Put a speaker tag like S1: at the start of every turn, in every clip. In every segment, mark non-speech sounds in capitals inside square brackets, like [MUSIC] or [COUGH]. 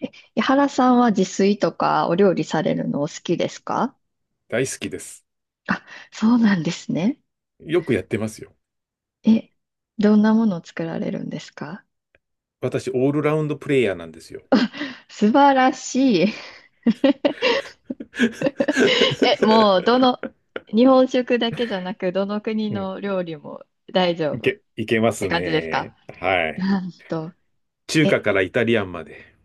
S1: 井原さんは自炊とかお料理されるのお好きですか？
S2: 大好きです。
S1: あ、そうなんですね。
S2: よくやってますよ。
S1: え、どんなものを作られるんですか？
S2: 私、オールラウンドプレイヤーなんですよ。
S1: 素晴らしい。[LAUGHS] もう、
S2: [LAUGHS]
S1: 日本食だけじゃなく、どの国
S2: うん、
S1: の料理も大丈
S2: い
S1: 夫っ
S2: け、いけま
S1: て
S2: す
S1: 感じですか？
S2: ね。はい。
S1: なんと、
S2: 中華
S1: え、
S2: からイタリアンまで。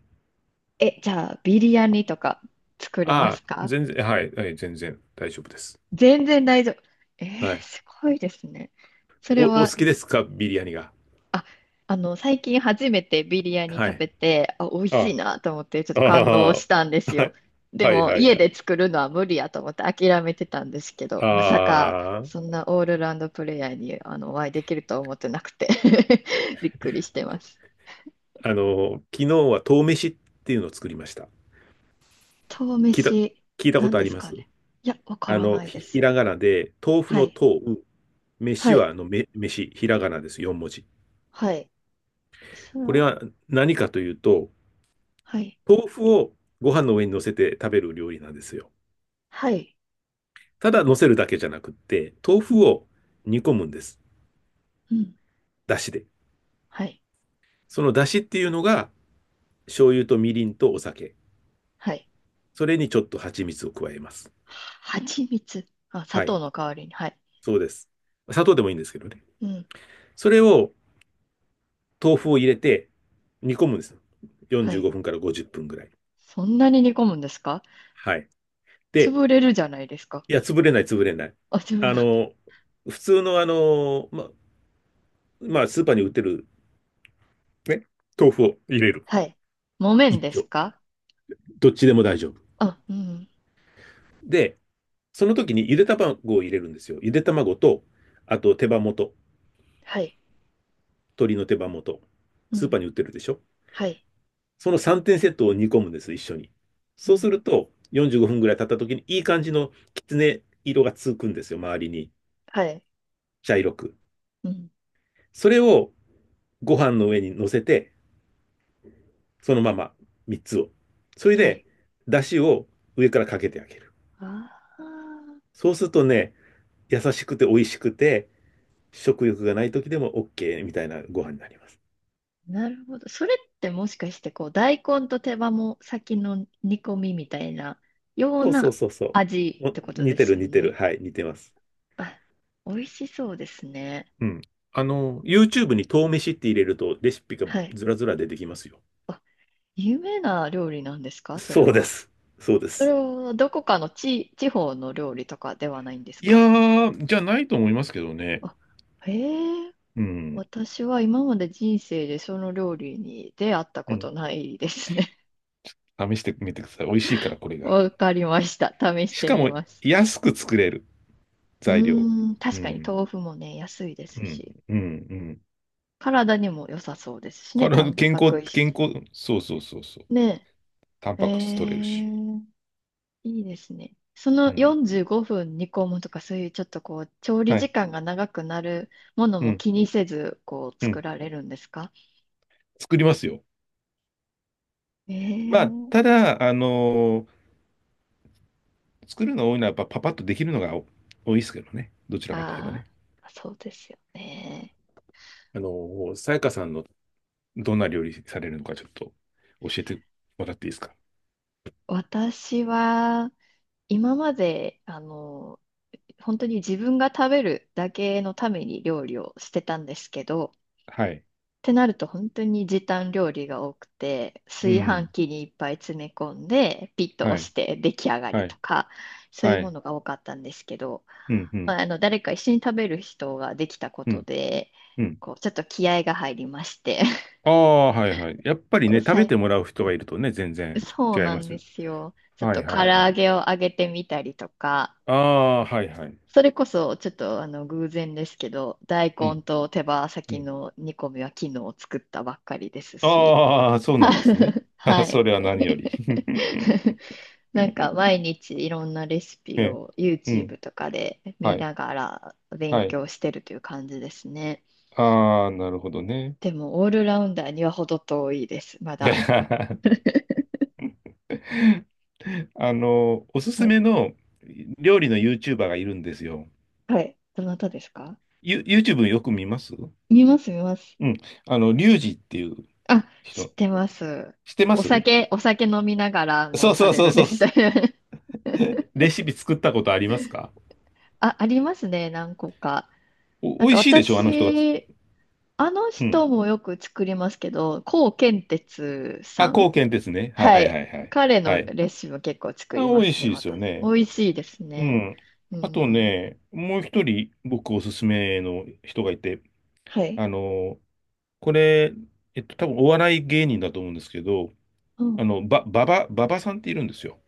S1: じゃあ、ビリヤニとか作れま
S2: ああ、
S1: すか？
S2: 全然、はい、はい、全然大丈夫です。
S1: 全然大丈夫。
S2: はい。
S1: すごいですね。そ
S2: お、
S1: れ
S2: お好
S1: は。
S2: きですかビリヤニが？
S1: あ、あ、最近初めてビリヤニ
S2: は
S1: 食
S2: い。
S1: べて、あ、美味
S2: あ
S1: しいなと思って、ちょっ
S2: あ、あ
S1: と感動
S2: あ、
S1: したんです
S2: は
S1: よ。
S2: い。
S1: で
S2: はい、
S1: も、
S2: はい、は
S1: 家
S2: い。
S1: で作るのは無理やと思って諦めてたんですけど、まさか、
S2: あ
S1: そんなオールラウンドプレイヤーにお会いできるとは思ってなくて [LAUGHS] びっくりしてます。
S2: あ、昨日は豆飯っていうのを作りました。
S1: 豆
S2: 聞いた、
S1: 飯、
S2: 聞いたこ
S1: 何
S2: とあ
S1: で
S2: り
S1: す
S2: ま
S1: か
S2: す？
S1: ね。いや、わからないで
S2: ひ
S1: す。
S2: らがなで、豆腐
S1: は
S2: の
S1: い。
S2: 豆、飯
S1: は
S2: は、
S1: い。
S2: 飯、ひらがなです。4文字。
S1: はい。それ
S2: これ
S1: は。
S2: は何かというと、
S1: はい。
S2: 豆腐をご飯の上に乗せて食べる料理なんですよ。
S1: はい。
S2: ただ乗せるだけじゃなくって、豆
S1: う
S2: 腐
S1: ん。
S2: を煮込むんです。
S1: うん。
S2: だしで。
S1: はい。
S2: そのだしっていうのが、醤油とみりんとお酒。
S1: はい。
S2: それにちょっと蜂蜜を加えます。
S1: 蜂蜜。あ、砂
S2: は
S1: 糖
S2: い。
S1: の代わりに。はい。
S2: そうです。砂糖でもいいんですけどね。
S1: うん。
S2: それを、豆腐を入れて煮込むんです。
S1: は
S2: 45
S1: い。
S2: 分から50分ぐらい。
S1: そんなに煮込むんですか？
S2: はい。で、
S1: 潰れるじゃないですか。
S2: いや、潰れない、潰れない。
S1: あ、潰れ
S2: あ
S1: ない。
S2: の、普通のまあ、スーパーに売ってる、ね、豆腐を入れる。
S1: はい。木綿で
S2: 一
S1: す
S2: 丁。
S1: か？
S2: どっちでも大丈夫。
S1: あ、うん。
S2: で、その時にゆで卵を入れるんですよ。ゆで卵と、あと手羽元、
S1: はい。
S2: 鶏の手羽元。
S1: う
S2: スーパ
S1: ん。
S2: ーに売ってるでしょ？
S1: はい。
S2: その3点セットを煮込むんです、一緒に。
S1: う
S2: そう
S1: ん。
S2: すると、45分ぐらい経った時にいい感じのきつね色がつくんですよ、周りに。
S1: はい。
S2: 茶色く。
S1: うん。
S2: それをご飯の上に乗せて、そのまま3つを。それ
S1: は
S2: で、
S1: い。
S2: 出汁を上からかけてあげる。
S1: ああ、
S2: そうするとね、優しくて美味しくて、食欲がない時でも OK みたいなご飯になります。
S1: なるほど。それってもしかして、こう、大根と手羽も先の煮込みみたいなよう
S2: そうそう
S1: な
S2: そうそ
S1: 味
S2: う。
S1: ってこと
S2: 似
S1: で
S2: て
S1: す
S2: る
S1: よ
S2: 似てる。
S1: ね。
S2: はい、似てます。
S1: あ、美味しそうですね。
S2: うん。YouTube に豆飯って入れるとレシピが
S1: はい。
S2: ずらずら出てきますよ。
S1: あ、有名な料理なんですか？それ
S2: そうで
S1: は。
S2: す。そうで
S1: それ
S2: す。
S1: はどこかの地方の料理とかではないんです
S2: いや
S1: か？
S2: ー、じゃないと思いますけどね。
S1: あ、へえ。
S2: うん。
S1: 私は今まで人生でその料理に出会った
S2: う
S1: こ
S2: ん。
S1: とないですね。
S2: 試してみてください。美味しいから、これ
S1: [LAUGHS]
S2: が。
S1: わかりました。試し
S2: し
S1: て
S2: か
S1: み
S2: も、
S1: ます。
S2: 安く作れる。
S1: う
S2: 材料。
S1: ーん、
S2: う
S1: 確かに
S2: ん。
S1: 豆腐もね、安いで
S2: う
S1: す
S2: ん。
S1: し、
S2: うん。うん。
S1: 体にも良さそうですしね、
S2: 体
S1: タ
S2: の
S1: ン
S2: 健
S1: パ
S2: 康、
S1: ク質。
S2: 健康、そうそうそうそう。
S1: ね
S2: タン
S1: え。へ
S2: パク質取れるし。
S1: え。いいですね。そ
S2: う
S1: の
S2: ん。
S1: 45分煮込むとか、そういうちょっとこう、調理
S2: はい。
S1: 時間が長くなるもの
S2: う
S1: も
S2: ん。
S1: 気にせず、こう、
S2: う
S1: 作
S2: ん。
S1: られるんですか？
S2: 作りますよ。まあ、た
S1: ええ。
S2: だ、作るの多いのはやっぱパパッとできるのが多いですけどね。どちらかといえば
S1: あ
S2: ね。
S1: あー、そうですよね。
S2: さやかさんのどんな料理されるのかちょっと教えてもらっていいですか。
S1: 私は、今まで、本当に自分が食べるだけのために料理をしてたんですけど、
S2: はい。
S1: てなると本当に時短料理が多くて、
S2: う
S1: 炊飯
S2: ん。
S1: 器にいっぱい詰め込んで、ピッと押
S2: はい。
S1: して出来上が
S2: は
S1: りと
S2: い。
S1: か、そういう
S2: は
S1: も
S2: い。
S1: のが多かったんですけど、
S2: うん。う
S1: ま
S2: ん。
S1: あ、誰か一緒に食べる人ができたこ
S2: う
S1: と
S2: ん。
S1: で、
S2: うん。
S1: こうちょっと気合が入りまして
S2: ああ、はいはい。やっぱりね、
S1: [LAUGHS]
S2: 食
S1: さ
S2: べ
S1: い
S2: てもらう人がいるとね、全然
S1: そ
S2: 違
S1: う
S2: い
S1: な
S2: ま
S1: ん
S2: す
S1: で
S2: よ。
S1: すよ。ちょっ
S2: は
S1: と
S2: い
S1: 唐
S2: はいは
S1: 揚
S2: い。
S1: げを揚げてみたりとか、
S2: ああ、はいはい。
S1: それこそちょっと偶然ですけど、大
S2: う
S1: 根
S2: ん。
S1: と手羽
S2: う
S1: 先
S2: ん。
S1: の煮込みは昨日作ったばっかりですし。
S2: ああ、そうなんですね。
S1: [LAUGHS] は
S2: [LAUGHS] そ
S1: い。
S2: れは何より。 [LAUGHS]
S1: [LAUGHS] なんか毎日いろんなレシ
S2: え
S1: ピ
S2: え、
S1: を
S2: う
S1: YouTube
S2: ん。
S1: とかで
S2: は
S1: 見
S2: い。
S1: ながら勉
S2: はい。
S1: 強してるという感じですね。
S2: ああ、なるほどね。
S1: でもオールラウンダーには程遠いです、まだ。
S2: [LAUGHS] おすす
S1: はい。
S2: めの料理の YouTuber がいるんですよ。
S1: はい、どなたですか？
S2: YouTube よく見ます？
S1: 見ます、見ます。
S2: うん。リュウジっていう
S1: あ、知っ
S2: 人。
S1: てます。
S2: 知ってま
S1: お
S2: す？
S1: 酒、お酒飲みながら
S2: そ
S1: も
S2: うそ
S1: さ
S2: う
S1: れ
S2: そう
S1: る
S2: そ
S1: で
S2: う。
S1: す。[LAUGHS]
S2: レシピ作ったことありますか？
S1: あ、ありますね、何個か。なん
S2: 美
S1: か
S2: 味しいでしょ、あの人がつ。
S1: 私、あの
S2: うん。
S1: 人もよく作りますけど、コウケンテツ
S2: あ、
S1: さん。
S2: 貢献ですね。はい
S1: は
S2: は
S1: い。
S2: いはい。
S1: 彼
S2: は
S1: の
S2: い。
S1: レシピも結構作
S2: あ、
S1: りま
S2: 美味
S1: す
S2: し
S1: ね、
S2: いですよ
S1: 私。美
S2: ね。
S1: 味しいです
S2: う
S1: ね。
S2: ん。
S1: う
S2: あと
S1: ん。
S2: ね、もう一人僕おすすめの人がいて、
S1: はい。
S2: あの、これ、えっと、多分お笑い芸人だと思うんですけど、
S1: うん。
S2: ばばさんっているんですよ。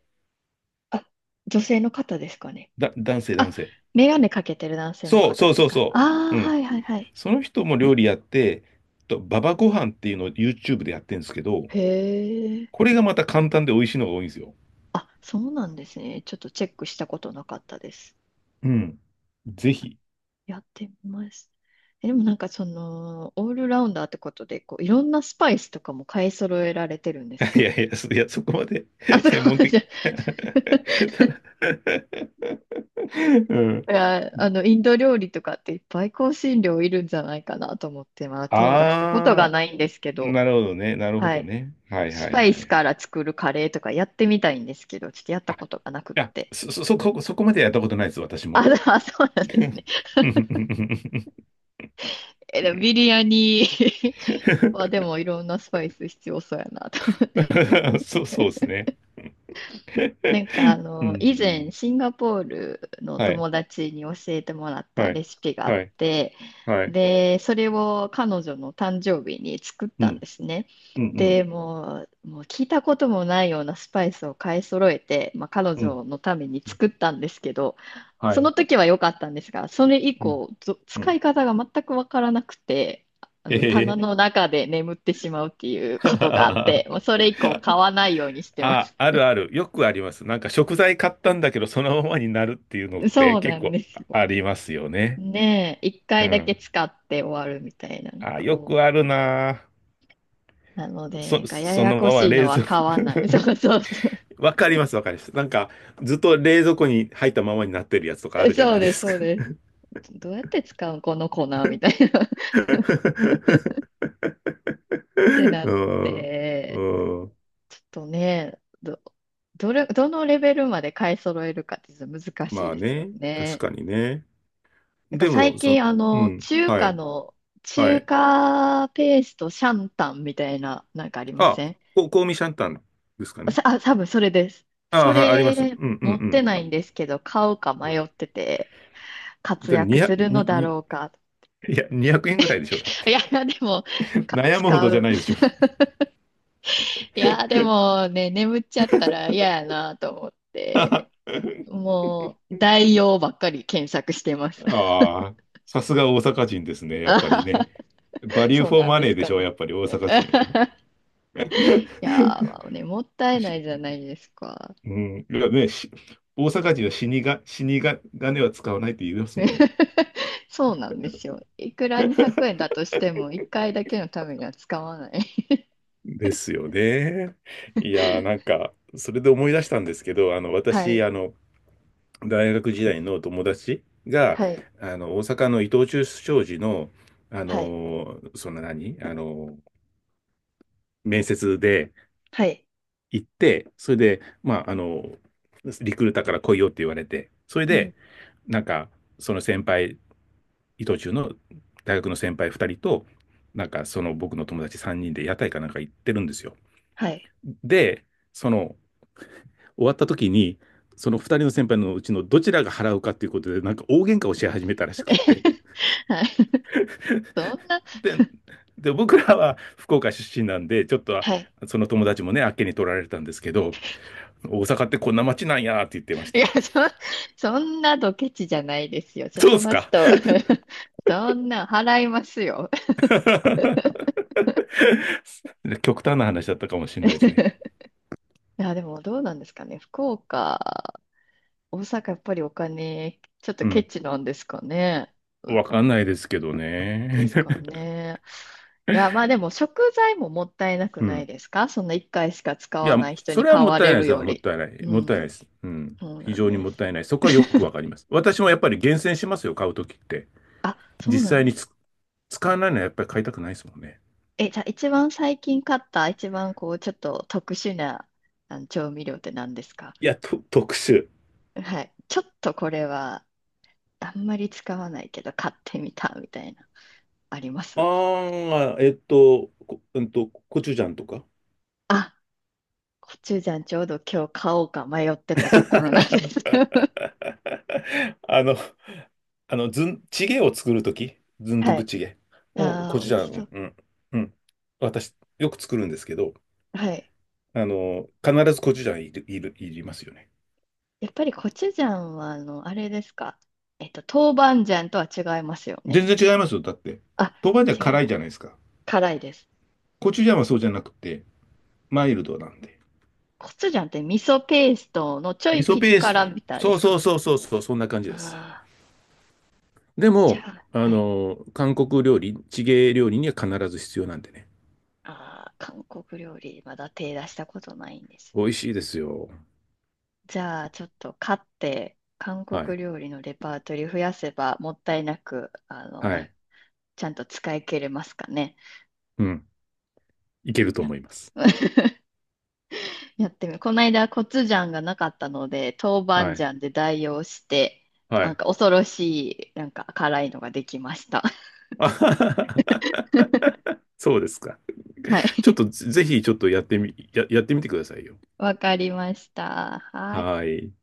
S1: あ、女性の方ですかね。
S2: 男性、男
S1: あ、
S2: 性。
S1: メガネかけてる男性の
S2: そう
S1: 方
S2: そう
S1: で
S2: そ
S1: す
S2: う
S1: か？
S2: そ
S1: あ
S2: う。
S1: あ、
S2: うん。
S1: はい、はい、はい。
S2: その人も料理やって、ばばご飯っていうのを YouTube でやってるんですけど、
S1: へ
S2: こ
S1: え。
S2: れがまた簡単で美味しいのが多いんですよ。
S1: あ、そうなんですね。ちょっとチェックしたことなかったです。
S2: うん。ぜひ。
S1: やってみます。でもなんかその、オールラウンダーってことで、こう、いろんなスパイスとかも買い揃えられてるんです
S2: い
S1: か？
S2: やいや、そこまで
S1: あ、
S2: [LAUGHS]
S1: そこ
S2: 専
S1: ま
S2: 門
S1: でじ
S2: 的
S1: ゃ。
S2: [LAUGHS] ただ
S1: [LAUGHS]
S2: [LAUGHS] うん。
S1: いや、インド料理とかっていっぱい香辛料いるんじゃないかなと思って、まだ手を出したことが
S2: あ
S1: ないんですけ
S2: あ、
S1: ど、
S2: なるほどね。なるほ
S1: は
S2: ど
S1: い。
S2: ね。はい
S1: ス
S2: はい
S1: パイ
S2: はいは
S1: スか
S2: い。
S1: ら作るカレーとかやってみたいんですけど、ちょっとやっ
S2: あ、
S1: た
S2: い
S1: ことがなくっ
S2: や、
S1: て。
S2: そこまでやったことないです、私
S1: あ、
S2: も。
S1: でも、あ [LAUGHS] そうなんですね。でもビリヤニ [LAUGHS] はで
S2: [LAUGHS]
S1: もいろんなスパイス必要そうやなと思って。
S2: そう、そうですね。
S1: なんか
S2: う
S1: 以前
S2: ん。
S1: シンガポールの
S2: はい。
S1: 友達に教えてもらった
S2: はい。
S1: レシピがあっ
S2: はい。
S1: て、
S2: はい。
S1: で、それを彼女の誕生日に作っ
S2: う
S1: たん
S2: ん。
S1: ですね。
S2: うん。
S1: で、もう聞いたこともないようなスパイスを買い揃えて、まあ、彼
S2: うん。うん。
S1: 女のために
S2: うん。
S1: 作ったんですけど、
S2: は
S1: その
S2: い。
S1: 時は良かったんですが、それ以
S2: うん。
S1: 降、
S2: う
S1: 使
S2: ん。
S1: い方が全くわからなくて、棚
S2: え
S1: の中で眠ってしまうっていうことがあっ
S2: え
S1: て、もうそれ
S2: [LAUGHS]。
S1: 以降買わないようにしてま
S2: あ、
S1: す。
S2: あるある。よくあります。なんか食材買ったんだけど、そのままになるっていうのって
S1: そうな
S2: 結
S1: ん
S2: 構
S1: です。
S2: ありますよね。
S1: ねえ、一
S2: う
S1: 回だけ
S2: ん。
S1: 使って終わるみたいなの
S2: あ、
S1: が
S2: よ
S1: 多
S2: く
S1: い。
S2: あるな
S1: なの
S2: ぁ。
S1: で、なんかや
S2: そ
S1: や
S2: の
S1: こ
S2: まま
S1: しいの
S2: 冷
S1: は
S2: 蔵
S1: 買わない。[LAUGHS] そうそうそ
S2: [LAUGHS] わかります、わかります。なんか、ずっと冷蔵庫に入ったままになってるやつとかあ
S1: う。
S2: るじゃ
S1: そ
S2: な
S1: う
S2: いで
S1: です、
S2: すか。
S1: そうです。どうやって使うこの粉みたいな [LAUGHS]。っ
S2: [LAUGHS]
S1: てな
S2: う
S1: っ
S2: ん。
S1: て、
S2: うん。
S1: ちょっとね、どのレベルまで買い揃えるかってちょっと難し
S2: ま
S1: い
S2: あ
S1: ですよ
S2: ね。確
S1: ね。
S2: かにね。
S1: なんか
S2: でも、
S1: 最近、
S2: うん。はい。は
S1: 中
S2: い。
S1: 華ペーストシャンタンみたいな、なんかありま
S2: あ、
S1: せん？
S2: 香味シャンタンですかね。
S1: あ、多分それです。
S2: あ
S1: そ
S2: あ、はい、あります。うん
S1: れ
S2: う
S1: 持って
S2: んう
S1: な
S2: ん。
S1: いんですけど、買うか
S2: うん。
S1: 迷ってて、活
S2: で、
S1: 躍す
S2: 200
S1: るの
S2: に
S1: だ
S2: に
S1: ろうか。
S2: いや、20円ぐらいでしょ、だっ
S1: い
S2: て。
S1: や、でも、
S2: [LAUGHS] 悩むほ
S1: 使
S2: どじゃ
S1: う。
S2: ないでしょ。
S1: いや、でもね、眠っちゃったら嫌やなと思って、もう、代用ばっかり検索してます。
S2: ああ、さすが大阪人ですね、やっぱりね。
S1: [LAUGHS]
S2: バリュー
S1: そう
S2: フォー
S1: なん
S2: マ
S1: で
S2: ネー
S1: す
S2: で
S1: か
S2: しょ、
S1: ね。
S2: やっぱり大
S1: [LAUGHS]
S2: 阪
S1: い
S2: 人は。
S1: やー、まあね、もった
S2: [LAUGHS]
S1: いな
S2: し
S1: いじゃないですか。
S2: うん、いやね、大阪人は死にが、金は使わないって言いますもんね。
S1: [LAUGHS] そうなんですよ。いくら200円だとしても、1回だけのためには使わない。
S2: ですよね。いやー、なん
S1: [LAUGHS]
S2: か、それで思い出したんですけど、
S1: は
S2: 私、
S1: い。
S2: 大学時代の友達が、
S1: はい。
S2: 大阪の伊藤忠商事の、あ
S1: はい。
S2: の、その何あの、面接で
S1: はい。
S2: 行って、それで、まあ、リクルーターから来いよって言われて、それ
S1: うん。
S2: で、なんか、その先輩、伊藤忠の大学の先輩2人と、なんか、その僕の友達3人で屋台かなんか行ってるんですよ。
S1: はい。
S2: で、その、終わった時に、その2人の先輩のうちのどちらが払うかっていうことで、なんか大喧嘩をし始めたらしくって。
S1: [LAUGHS] はい。[LAUGHS] そんな、
S2: で、で、僕らは福岡出身なんで、ちょっとは
S1: はい。
S2: その友達もね、あっけに取られたんですけど、大阪ってこんな街なんやって言ってまし
S1: い
S2: た。
S1: や、そんなドケチじゃないですよ。
S2: そうで
S1: そ
S2: す
S1: の
S2: か。
S1: 人、[LAUGHS] そんな払いますよ。
S2: [LAUGHS] 極端な話だったかもしれないですね。
S1: [LAUGHS] いや、でもどうなんですかね。福岡、大阪、やっぱりお金、ちょっと
S2: う
S1: ケ
S2: ん。
S1: チなんですかね。う
S2: わかんない
S1: ん。
S2: ですけど
S1: で
S2: ね。
S1: すかね。いや、まあでも食材ももったいな
S2: [LAUGHS]
S1: く
S2: う
S1: な
S2: ん。
S1: いですか？そんな1回しか使
S2: い
S1: わ
S2: や、
S1: ない人
S2: そ
S1: に
S2: れは
S1: 買
S2: もっ
S1: わ
S2: たい
S1: れ
S2: ないで
S1: る
S2: すよ。
S1: よ
S2: もっ
S1: り。
S2: たいない。
S1: う
S2: もったいない
S1: ん。
S2: です。うん。
S1: そうな
S2: 非
S1: ん
S2: 常に
S1: で
S2: もっ
S1: す。
S2: たいない。そこはよくわかります。私もやっぱり厳選しますよ、買うときって。
S1: そう
S2: 実
S1: なん
S2: 際
S1: で
S2: に
S1: す。
S2: 使わないのはやっぱり買いたくないですもんね。
S1: じゃあ一番最近買った一番こうちょっと特殊なあの調味料って何ですか？
S2: いや、特殊。
S1: はい。ちょっとこれはあんまり使わないけど買ってみたみたいな、あります？
S2: ああ、えっと、こ、うんと、コチュジャンとか。
S1: あ、コチュジャンちょうど今日買おうか迷ってたところなんで
S2: [LAUGHS]
S1: す。
S2: あの、あの、ずん、チゲを作るとき、ズ
S1: [LAUGHS]
S2: ンドゥ
S1: は
S2: ブ
S1: い。
S2: チゲを、
S1: あ
S2: コ
S1: あ、
S2: チュ
S1: 美
S2: ジ
S1: 味
S2: ャ
S1: しそ
S2: ン、
S1: う。
S2: うん、うん。私、よく作るんですけど、
S1: はい。
S2: 必ずコチュジャンいりますよね。
S1: やっぱりコチュジャンはあれですか？えっと、豆板醤とは違いますよ
S2: 全
S1: ね。
S2: 然違いますよ。だって、
S1: あ、
S2: 豆板醤
S1: 違う
S2: 辛い
S1: よ。
S2: じゃないですか。
S1: 辛いです。
S2: コチュジャンはそうじゃなくて、マイルドなんで。
S1: コチュジャンって味噌ペーストのちょ
S2: 味
S1: い
S2: 噌
S1: ピリ
S2: ペース
S1: 辛
S2: ト。
S1: みたいで
S2: そう
S1: すか？
S2: そうそうそうそう、そんな感じです。
S1: ああ
S2: で
S1: ー、じゃ
S2: も、
S1: あ、はい。
S2: 韓国料理、地芸料理には必ず必要なんでね。
S1: ああ、韓国料理、まだ手出したことないんです。
S2: 美味しいですよ。
S1: じゃあ、ちょっと買って、韓
S2: はい。
S1: 国料理のレパートリー増やせば、もったいなく、
S2: はい。
S1: ちゃんと使い切れますかね。
S2: うん。いけると
S1: や
S2: 思います。
S1: [LAUGHS]、やってみこの間、コチュジャンがなかったので、豆板
S2: はい。
S1: 醤で代用して、
S2: は
S1: なん
S2: い。
S1: か恐ろしい、なんか辛いのができました。
S2: [LAUGHS] あはははは。
S1: [LAUGHS]
S2: そうですか。
S1: は
S2: ちょっ
S1: い。
S2: とぜひちょっとやってみてくださいよ。
S1: わかりました。はい。
S2: はい。